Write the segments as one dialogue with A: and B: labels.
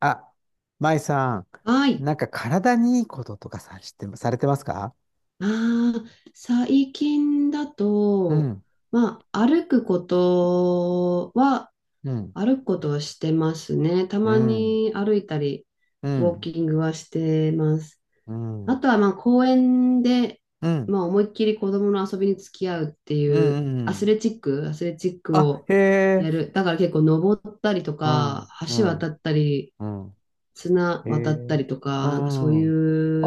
A: あ、舞さん、
B: はい。
A: なんか体にいいこととかさ、知ってま、されてますか？
B: ああ、最近だ
A: う
B: と、
A: ん、
B: まあ、歩くことは、
A: うん、
B: 歩くことはしてますね。た
A: う
B: ま
A: ん、
B: に歩いたり、
A: う
B: ウォー
A: ん、
B: キングはしてます。
A: うん、う
B: あ
A: ん、
B: とは、まあ、公園で、
A: うん、
B: まあ、思いっきり子供の遊びに付き合うって
A: う
B: いう、
A: ん。う
B: アス
A: ん。
B: レチック、アスレチック
A: あ、
B: を
A: へ
B: や
A: え。
B: る。だから結構登ったりと
A: う
B: か、
A: ん、う
B: 橋渡
A: ん、
B: ったり、
A: うん。
B: 綱
A: へ
B: 渡った
A: え。
B: りと
A: う
B: か、なんかそうい
A: ん。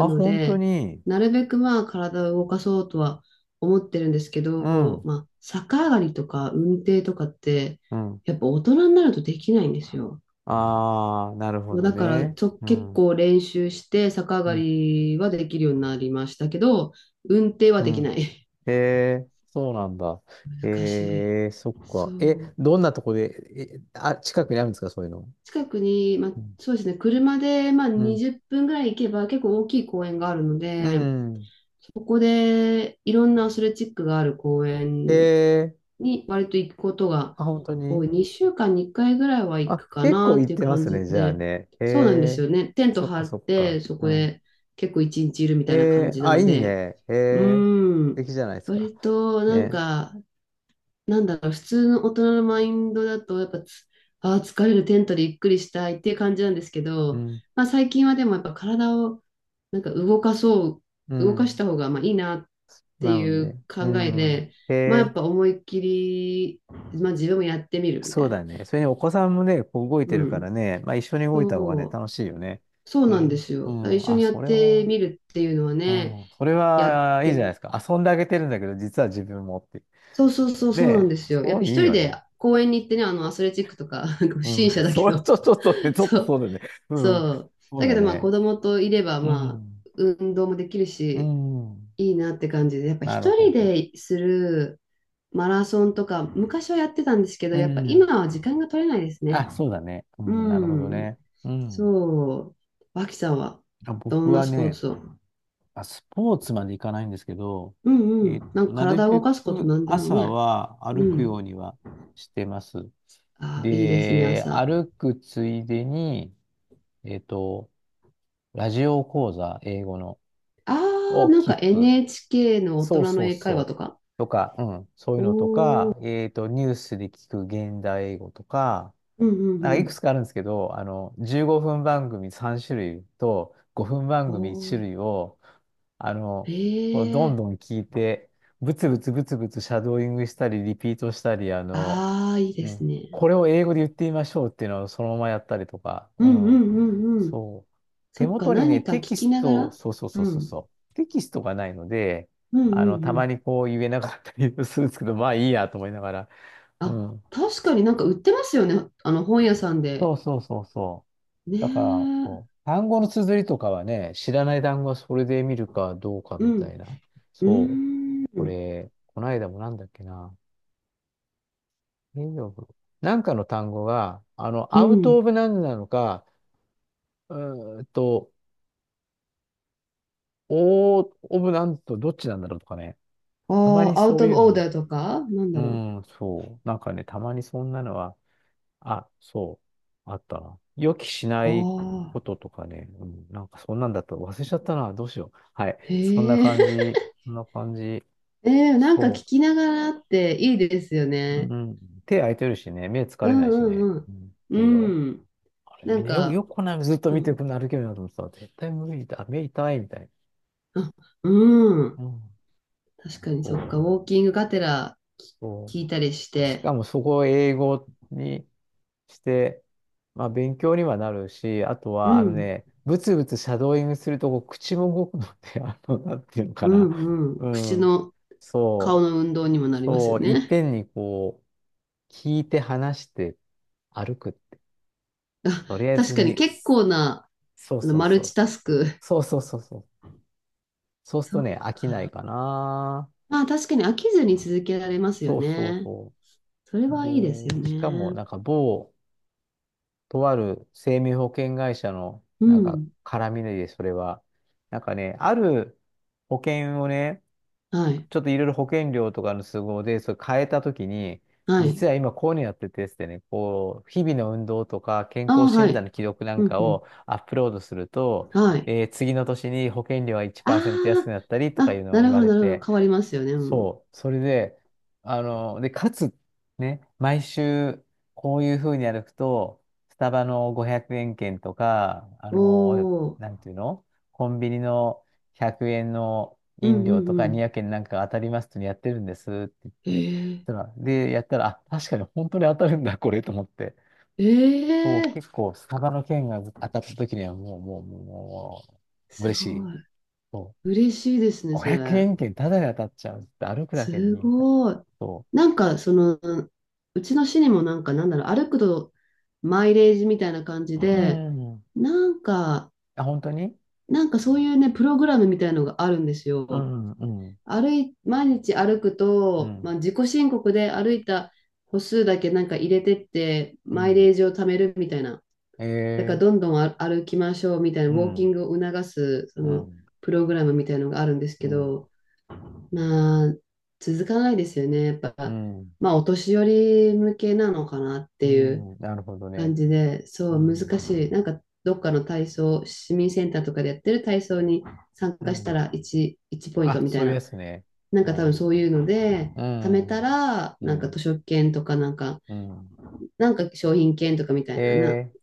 B: うの
A: 本当
B: で、
A: に。
B: なるべくまあ体を動かそうとは思ってるんですけ
A: う
B: ど、
A: ん、
B: まあ逆上がりとか運転とかって、
A: うん。
B: やっぱ大人になるとできないんですよ。
A: ああ、なるほど
B: だから
A: ね。う
B: 結
A: ん、う
B: 構練習して逆上が
A: ん、
B: りはできるようになりましたけど、運転は
A: う
B: でき
A: ん。
B: ない。
A: へえ、そうなんだ。
B: 難しい。
A: ええ、そっ
B: そ
A: か。え、
B: う。
A: どんなとこで、え、あ、近くにあるんですか、そういうの。
B: 近くに、まあ、
A: うん、
B: そうですね、車でまあ
A: うん、
B: 20分ぐらい行けば結構大きい公園があるの
A: う
B: で、
A: ん。
B: そこでいろんなアスレチックがある公
A: へ
B: 園
A: え。
B: に割と行くことが
A: あ、本当
B: 多
A: に。
B: い。2週間に1回ぐらいは行
A: あ、
B: くか
A: 結
B: な
A: 構
B: っ
A: 行っ
B: ていう
A: てま
B: 感
A: すね、
B: じ
A: じゃあ
B: で、
A: ね。へ
B: そうなんです
A: え。
B: よね。テント
A: そっか
B: 張っ
A: そっか。
B: て、そ
A: う
B: こ
A: ん。
B: で結構一日いるみ
A: へ
B: たいな感
A: え。
B: じな
A: あ、い
B: の
A: い
B: で、
A: ね。へ
B: うー
A: え。素
B: ん、
A: 敵じゃないですか。
B: 割となん
A: ね。
B: か、なんだろう、普通の大人のマインドだと、やっぱあー疲れるテントでゆっくりしたいっていう感じなんですけ
A: う
B: ど、
A: ん。
B: まあ、最近はでもやっぱ体をなんか
A: う
B: 動かし
A: ん。
B: た方がまあいいなって
A: な
B: い
A: の
B: う
A: で。う
B: 考え
A: ん。
B: で、
A: へ
B: まあやっ
A: え。
B: ぱ思いっきり、まあ自分もやってみるみた
A: そう
B: い
A: だ
B: な。
A: ね。それにお子さんもね、こう動いて
B: う
A: るから
B: ん。
A: ね、まあ一緒に動いた方がね、
B: そう、
A: 楽しいよね。
B: そう
A: へ
B: なんで
A: え。
B: す
A: う
B: よ。一
A: ん。
B: 緒
A: あ、
B: にやっ
A: それ
B: て
A: は、
B: みるっていうのは
A: う
B: ね、
A: ん。それ
B: やっ
A: はいい
B: て
A: じゃないで
B: み、
A: すか。遊んであげてるんだけど、実は自分もっていう。
B: そうそうそう、
A: ね
B: そうなん
A: え、
B: ですよ。やっ
A: そ
B: ぱ
A: ういい
B: 一人
A: よ
B: で
A: ね。
B: 公園に行ってね、あのアスレチックとか、なんか不
A: うん。
B: 審 者だけ
A: それ
B: ど、
A: ちょ、ちょっとね、ちょっ
B: そ
A: とそ
B: う、
A: うだね。うん。
B: そう。
A: そう
B: だけ
A: だ
B: どまあ子
A: ね。
B: 供といれば
A: う
B: ま
A: ん。
B: あ運動もできる
A: う
B: し、
A: ん。
B: いいなって感じで、やっぱ
A: なる
B: 一人
A: ほど。
B: でする、マラソンとか、昔はやってたんですけど、
A: う
B: やっぱ
A: ん。
B: 今は時間が取れないですね。
A: あ、そうだね。う
B: う
A: ん。なるほど
B: ん。
A: ね。うん。
B: そう。脇さんは、
A: あ、
B: ど
A: 僕
B: んな
A: は
B: スポー
A: ね、
B: ツを？
A: あ、スポーツまでいかないんですけど、
B: うんうん。なんか
A: なる
B: 体を動
A: べ
B: かすこと
A: く
B: なんでも
A: 朝
B: ね。
A: は
B: う
A: 歩くよう
B: ん。
A: にはしてます。
B: ああ、いいですね、
A: で、
B: 朝。
A: 歩くついでに、えっと、ラジオ講座、英語の、
B: ああ、
A: を
B: なんか
A: 聞く。
B: NHK の大
A: そう
B: 人の
A: そう
B: 英会話
A: そ
B: と
A: う。
B: か。
A: とか、うん、そういう
B: お
A: のと
B: お、
A: か、ニュースで聞く現代英語とか、
B: うんうん
A: なんか
B: う
A: いくつ
B: ん。
A: かあるんですけど、15分番組3種類と5分番組1
B: ほ
A: 種
B: う。
A: 類を、あ
B: へ
A: の、こうどん
B: え。
A: どん聞いて、ブツブツブツブツシャドーイングしたり、リピートしたり、
B: ああ、いい
A: う
B: です
A: ん、
B: ね。
A: これを英語で言ってみましょうっていうのをそのままやったりとか、
B: う
A: う
B: んう
A: ん、
B: んうんうん。
A: そう。手
B: そっか、
A: 元にね、
B: 何か聞
A: テキス
B: きなが
A: ト、
B: ら。
A: そうそう
B: う
A: そうそう
B: ん。
A: そう。テキストがないので、
B: うんうん
A: た
B: う
A: ま
B: ん。
A: にこう言えなかったり するんですけど、まあいいやと思いながら。う
B: あ、
A: ん。
B: 確かになんか売ってますよね。あの本屋さん
A: そ
B: で。
A: うそうそうそ
B: ね
A: う。だから、
B: え。
A: そう。単語の綴りとかはね、知らない単語はそれで見るかどうか
B: う
A: みた
B: ん。
A: いな。
B: う
A: そう。
B: ー
A: こ
B: ん。
A: れ、この間もなんだっけな。レイオフなんかの単語が、
B: う
A: アウト
B: ん。
A: オブなんなのか、うーんと、オーオブなんとどっちなんだろうとかね。
B: あ
A: たまに
B: あ、アウ
A: そういう
B: トオー
A: のは。
B: ダーとかなん
A: う
B: だろ
A: ん、そう。なんかね、たまにそんなのは、あ、そう、あったな。予期しな
B: う。
A: い
B: ああ。
A: こととかね、うん、なんかそんなんだった忘れちゃったな。どうしよう。はい。そんな
B: へ
A: 感
B: え。
A: じ。そんな感じ。
B: ええ、なんか聞
A: そ
B: きながらっていいですよ
A: う。う
B: ね。
A: ん。手空いてるしね、目疲
B: う
A: れないしね。
B: んうん
A: うん、
B: う
A: いいよ。
B: ん。うん。
A: あれ、
B: な
A: み
B: ん
A: んなよく、よ
B: か、
A: くこんなのずっと
B: う
A: 見てく
B: ん。
A: るの歩けるなと思ってた。絶対無理だ。目痛いみたい
B: あ、うん。
A: な。うん。
B: 確かにそっ
A: そ
B: か。
A: う。
B: ウォーキングがてら
A: そ
B: 聞いたりし
A: う、し
B: て。
A: かもそこを英語にして、まあ勉強にはなるし、あと
B: う
A: はあの
B: ん。
A: ね、ブツブツシャドーイングするとこう口も動くので、なんていうのか
B: う
A: な。
B: んう
A: う
B: ん。
A: ん。
B: 顔
A: そ
B: の運動にも
A: う。
B: なります
A: そ
B: よ
A: う。いっ
B: ね。
A: ぺんにこう、聞いて話して歩くって、
B: あ、
A: とりあえ
B: 確
A: ず
B: かに
A: に、
B: 結構な、
A: そう
B: あの、
A: そう
B: マル
A: そう。
B: チタスク。
A: そうそうそうそう。そうする
B: そ
A: と
B: う。
A: ね、飽きないかな。
B: まあ確かに飽きずに続けられますよ
A: そうそう
B: ね。
A: そ
B: それ
A: う。
B: はいいですよ
A: で、しかも
B: ね。
A: なんか某、とある生命保険会社の、
B: う
A: なんか、
B: ん。
A: 絡みで、それは。なんかね、ある保険をね、
B: はい。
A: ちょっといろいろ保険料とかの都合で、それ変えたときに、
B: は
A: 実
B: い。
A: は今こういうのやっててですね、こう、日々の運動とか健
B: ああ、
A: 康
B: は
A: 診断
B: い。
A: の記録な
B: う
A: ん
B: ん、
A: か
B: うん。
A: をアップロードすると、
B: はい。
A: 次の年に保険料が1%安くな
B: あ
A: った
B: あ、
A: りとかいう
B: あ、
A: のを
B: な
A: 言
B: る
A: わ
B: ほど、
A: れ
B: なるほど。
A: て、
B: 変わりますよね。うん。
A: そう。それで、で、かつ、ね、毎週、こういうふうに歩くと、スタバの500円券とか、
B: おお。
A: なんていうのコンビニの100円の
B: うん、う
A: 飲料と
B: ん、
A: か
B: うん。
A: 200円なんか当たりますってやってるんですって言って、
B: え
A: そした
B: え
A: らで、やったら、あ、確かに本当に当たるんだ、これと思って。そう、
B: ええ
A: 結構、スタバの券が当たった時にはもう、もう、もう、もう
B: す
A: 嬉し
B: ご
A: い。
B: い。
A: そう、
B: 嬉しいですね、そ
A: 500
B: れ。
A: 円券タダで当たっちゃうって歩くだけでい
B: す
A: いみたいな。
B: ごい。
A: そ
B: なんか、その、うちの市にもなんか、なんだろう、歩くとマイレージみたいな感じ
A: う。う
B: で、
A: ん。
B: なんか、
A: あ、本当に。
B: なんかそういうね、プログラムみたいのがあるんです
A: う
B: よ。
A: ん、うん、
B: 毎日歩く
A: う
B: と、ま
A: ん、
B: あ、自己申告で歩いた歩数だけなんか入れてって、
A: う
B: マイ
A: ん、
B: レージを貯めるみたいな。だから、
A: ええ、
B: どんどん歩きましょうみたいな、ウ
A: う
B: ォーキン
A: ん、
B: グを促す、そ
A: う
B: の、
A: ん、
B: プログラムみたいのがあるんですけ
A: うん、
B: ど、まあ、続かないですよね。やっ
A: う
B: ぱ、
A: ん、
B: まあ、お年寄り向けなのかなっ
A: う
B: ていう
A: ん、なるほど
B: 感
A: ね。
B: じで、
A: う
B: そう、難
A: ん、
B: しい。なんか、どっかの体操、市民センターとかでやってる体操に参
A: う
B: 加した
A: ん、
B: ら1ポイント
A: あ、
B: みた
A: そ
B: い
A: ういうや
B: な。
A: つね。
B: なん
A: う
B: か多分そ
A: ん、
B: ういうので、
A: う
B: 貯めた
A: ん、
B: ら、
A: う
B: なんか図
A: ん、
B: 書券とか、なんか、
A: うん、
B: なんか商品券とかみたいな
A: ええ、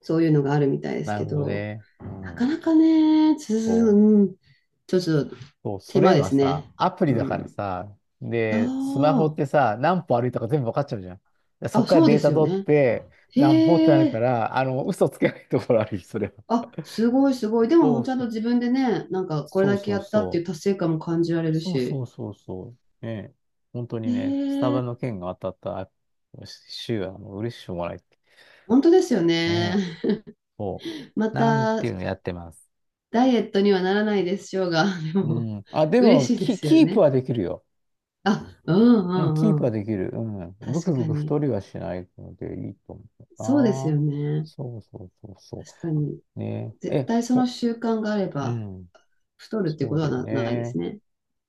B: そういうのがあるみたいです
A: なる
B: け
A: ほど
B: ど、
A: ね。う
B: なか
A: ん、
B: なかね、
A: そう。
B: うん、ちょっと
A: そう、そ
B: 手
A: れ
B: 間で
A: は
B: すね。
A: さ、アプリ
B: う
A: だから
B: ん。
A: さ、
B: あ
A: で、スマホっ
B: あ。
A: てさ、何歩歩いたか全部わかっちゃうじゃん。でそっ
B: あ、
A: から
B: そう
A: デ
B: で
A: ータ
B: すよ
A: 取っ
B: ね。
A: て、何歩ってな
B: へ
A: るか
B: え。
A: ら、あの、嘘つけないところあるよ、それは。
B: あ、すごいすごい。でも、
A: そう
B: ちゃん
A: そ
B: と
A: う。
B: 自分でね、なんかこれ
A: そう
B: だけ
A: そ
B: や
A: う
B: ったっていう
A: そう。
B: 達成感も感じられる
A: そう
B: し。
A: そうそうそう。ねえ。本当
B: へ
A: にね、スタバの
B: え。
A: 件が当たった週はもう嬉しくもない。
B: 本当ですよね。
A: ねえ。そ
B: ま
A: う。なんてい
B: た、
A: うのやってます。
B: ダイエットにはならないでしょうが、で
A: う
B: も、
A: ん。あ、で
B: 嬉
A: も、
B: しいで
A: キ、
B: すよ
A: キープ
B: ね。
A: はできるよ。
B: あ、うん
A: うん、キー
B: う
A: プ
B: んう
A: は
B: ん。
A: できる。うん。ブ
B: 確
A: クブ
B: か
A: ク太
B: に。
A: りはしないのでいいと思
B: そうですよ
A: うな。
B: ね。
A: そうそうそうそ
B: 確かに。
A: う。ねえ。
B: 絶
A: え、
B: 対その
A: ほ、
B: 習慣があれ
A: う
B: ば、
A: ん。
B: 太るって
A: そ
B: こ
A: う
B: と
A: だ
B: は
A: よ
B: ないです
A: ね。
B: ね。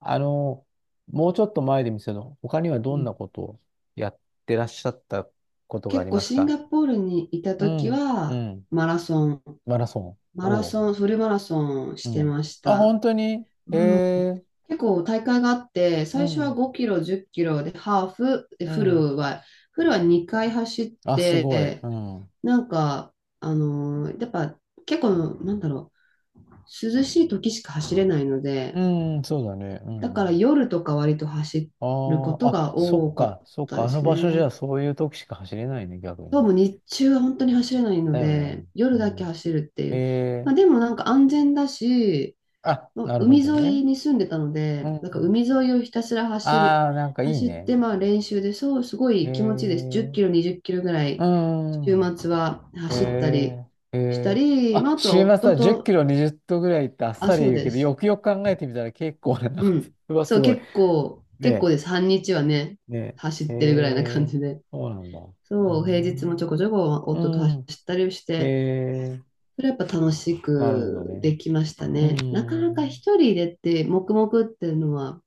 A: あの、もうちょっと前で見せの、他には
B: う
A: どんな
B: ん。
A: ことをやってらっしゃったことがあ
B: 結
A: り
B: 構
A: ます
B: シン
A: か？
B: ガポールにいた
A: う
B: 時
A: ん。う
B: は
A: ん。
B: マラソン
A: マラソン。
B: マラ
A: おう。
B: ソン、フルマラソン
A: う
B: して
A: ん。
B: まし
A: あ、
B: た。
A: 本当にへえ。
B: 結構大会があって、
A: う
B: 最初は
A: ん。
B: 5キロ、10キロでハーフ、で
A: うん。
B: フルは2回走っ
A: あ、すごい。
B: て、
A: うん。
B: なんか、やっぱ結構、なんだろう、涼しい時しか走れないの
A: う
B: で、
A: ん、そうだね。う
B: だ
A: ん。
B: か
A: う
B: ら
A: ん、
B: 夜とか割と走
A: あ
B: るこ
A: あ、
B: と
A: あ、
B: が
A: そっ
B: 多かっ
A: か、そっ
B: た
A: か、
B: で
A: あの
B: す
A: 場所じゃ
B: ね。
A: そういう時しか走れないね、逆
B: そう
A: に。
B: も日中は本当に走れないの
A: だよね。
B: で、
A: う
B: 夜だけ
A: ん。
B: 走るってい
A: え
B: う。ま
A: え、
B: あ、でもなんか安全だし、
A: あ、
B: の
A: なるほ
B: 海
A: ど
B: 沿
A: ね。
B: いに住んでたの
A: う
B: で、なんか
A: ん。
B: 海沿いをひたすら
A: ああ、なんかいい
B: 走っ
A: ね。
B: て、まあ練習で、そう、すご
A: え
B: い気持ちいいです。10
A: え、
B: キロ、20キロぐら
A: う
B: い、週
A: ん。
B: 末は走ったり
A: ええ、え
B: した
A: え、
B: り、ま
A: あ、
B: あ、あと
A: 週
B: は
A: 末
B: 夫
A: は10キ
B: と、
A: ロ20度ぐらいってあっ
B: あ、
A: さり
B: そう
A: 言うけ
B: で
A: ど、
B: す。
A: よくよく考えてみたら結構な長
B: う
A: さ、
B: ん。
A: うわ、す
B: そう、
A: ごい。
B: 結構
A: ね
B: です。半日はね、
A: え、ね
B: 走っ
A: え、え
B: てるぐらいな感
A: え、
B: じで。
A: そうなんだ。うー
B: そう、平日もちょ
A: ん。
B: こちょこ夫と走
A: うん。
B: ったりし
A: え
B: て、
A: え、
B: それはやっぱ楽し
A: なるほど
B: く
A: ね。
B: できました
A: う
B: ね。なかなか
A: ん、
B: 一人でって、黙々っていうのは、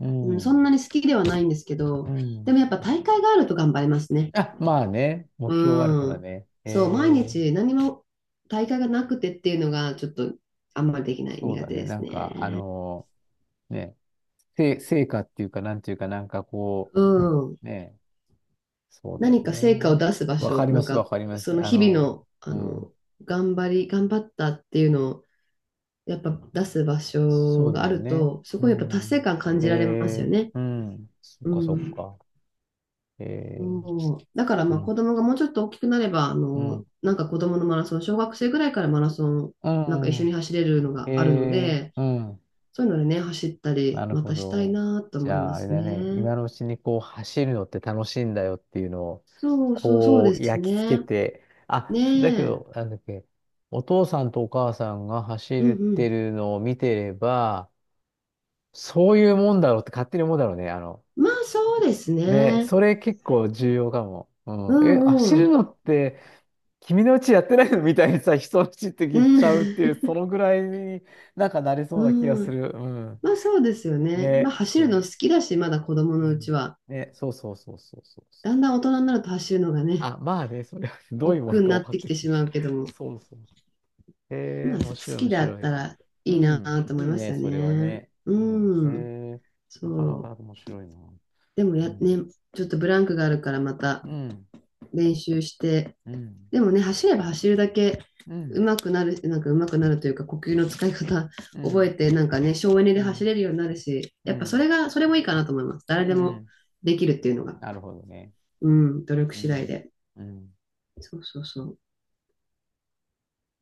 A: う
B: うん、そんな
A: ん、
B: に好きではないんですけ
A: う
B: ど、でも
A: ん。
B: やっぱ大会があると頑張れますね。
A: あ、まあね、目標はあるか
B: う
A: ら
B: ん。
A: ね。え
B: そう、毎
A: え、
B: 日何も大会がなくてっていうのがちょっとあんまりできない
A: そう
B: 苦
A: だ
B: 手
A: ね。
B: で
A: な
B: す
A: んか、あ
B: ね。
A: のね、せ、成果っていうか、なんていうか、なんかこ
B: うん。
A: う、ね、そうだよ
B: 何か成果を
A: ね。
B: 出す場
A: わか
B: 所、
A: り
B: な
A: ま
B: ん
A: す、わ
B: か
A: かりま
B: そ
A: す。
B: の
A: あ
B: 日々
A: の、
B: の、あ
A: うん、
B: の、頑張ったっていうのをやっぱ出す場
A: そ
B: 所
A: う
B: が
A: だ
B: あ
A: よ
B: る
A: ね。
B: と、す
A: う
B: ごいやっぱ達成
A: ん。
B: 感感
A: え
B: じられますよ
A: え、
B: ね。
A: うん、そっ
B: う
A: か、そっ
B: ん。
A: か。ええ、
B: そう。だから
A: う
B: まあ
A: ん、
B: 子供がもうちょっと大きくなれば、あ
A: う
B: の、
A: ん、
B: なんか子供のマラソン、小学生ぐらいからマラソン、
A: う
B: なんか一緒に
A: ん、
B: 走れるの
A: え
B: があるの
A: え、
B: で、
A: うん。
B: そういうのでね、走った
A: な
B: り、
A: る
B: ま
A: ほ
B: たしたい
A: ど。
B: なと
A: じ
B: 思い
A: ゃあ、
B: ま
A: あれ
B: す
A: だね。
B: ね。
A: 今のうちにこう走るのって楽しいんだよっていうのを、
B: そうそうそう
A: こ
B: で
A: う
B: す
A: 焼き付け
B: ね。
A: て、あ、だけ
B: ねえ。
A: ど、なんだっけ、お父さんとお母さんが
B: うん
A: 走っ
B: う
A: て
B: ん。
A: るのを見てれば、そういうもんだろうって勝手に思うだろうね。
B: まあそうです
A: ね、
B: ね。
A: それ結構重要かも。う
B: う
A: ん。え、
B: ん
A: 走
B: う
A: る
B: ん。
A: のって、君のうちやってないのみたいにさ、人のうちって
B: う
A: 言っ
B: ん。
A: ちゃうっていう、そのぐらいになんかなれそうな気が
B: う
A: す
B: ん。
A: る。うん。
B: まあそうですよね。まあ
A: ね、
B: 走るの
A: そ
B: 好
A: う。
B: きだし、まだ子供
A: う
B: のうち
A: ん、
B: は。
A: ね、そうそうそうそうそうそ
B: だん
A: う。
B: だん大人になると走るのがね、
A: あ、まあね、それは どういうも
B: 億
A: の
B: 劫に
A: か
B: な
A: 分
B: っ
A: か
B: て
A: っ
B: き
A: て
B: て
A: くる
B: しま
A: し。
B: うけど も。
A: そうそうそう。へ
B: ま
A: え、
B: あ、好
A: 面白い、
B: き
A: 面
B: だっ
A: 白
B: た
A: い。
B: ら
A: う
B: いいな
A: ん、
B: と思
A: い
B: い
A: い
B: ます
A: ね、
B: よ
A: それは
B: ね。
A: ね。うん、
B: うん、
A: へえ、なかなか
B: そ
A: 面
B: う。
A: 白いな。
B: でも
A: う
B: ね、
A: ん、
B: ちょっとブランクがあるからまた
A: うん、
B: 練習して、
A: うん、
B: でもね、走れば走るだけ
A: うん、
B: 上手くなる、なんか上手くなるというか、呼吸の使い方
A: う
B: 覚え
A: ん、
B: て、なんかね、省エネ
A: う
B: で走
A: ん、
B: れるようになるし、
A: う
B: やっぱ
A: ん、
B: それもいいかなと思います。
A: う
B: 誰でも
A: ん。
B: できるっていうのが。
A: なるほどね。
B: うん、努力
A: う
B: 次第
A: ん、
B: で。
A: うん。
B: そうそうそう。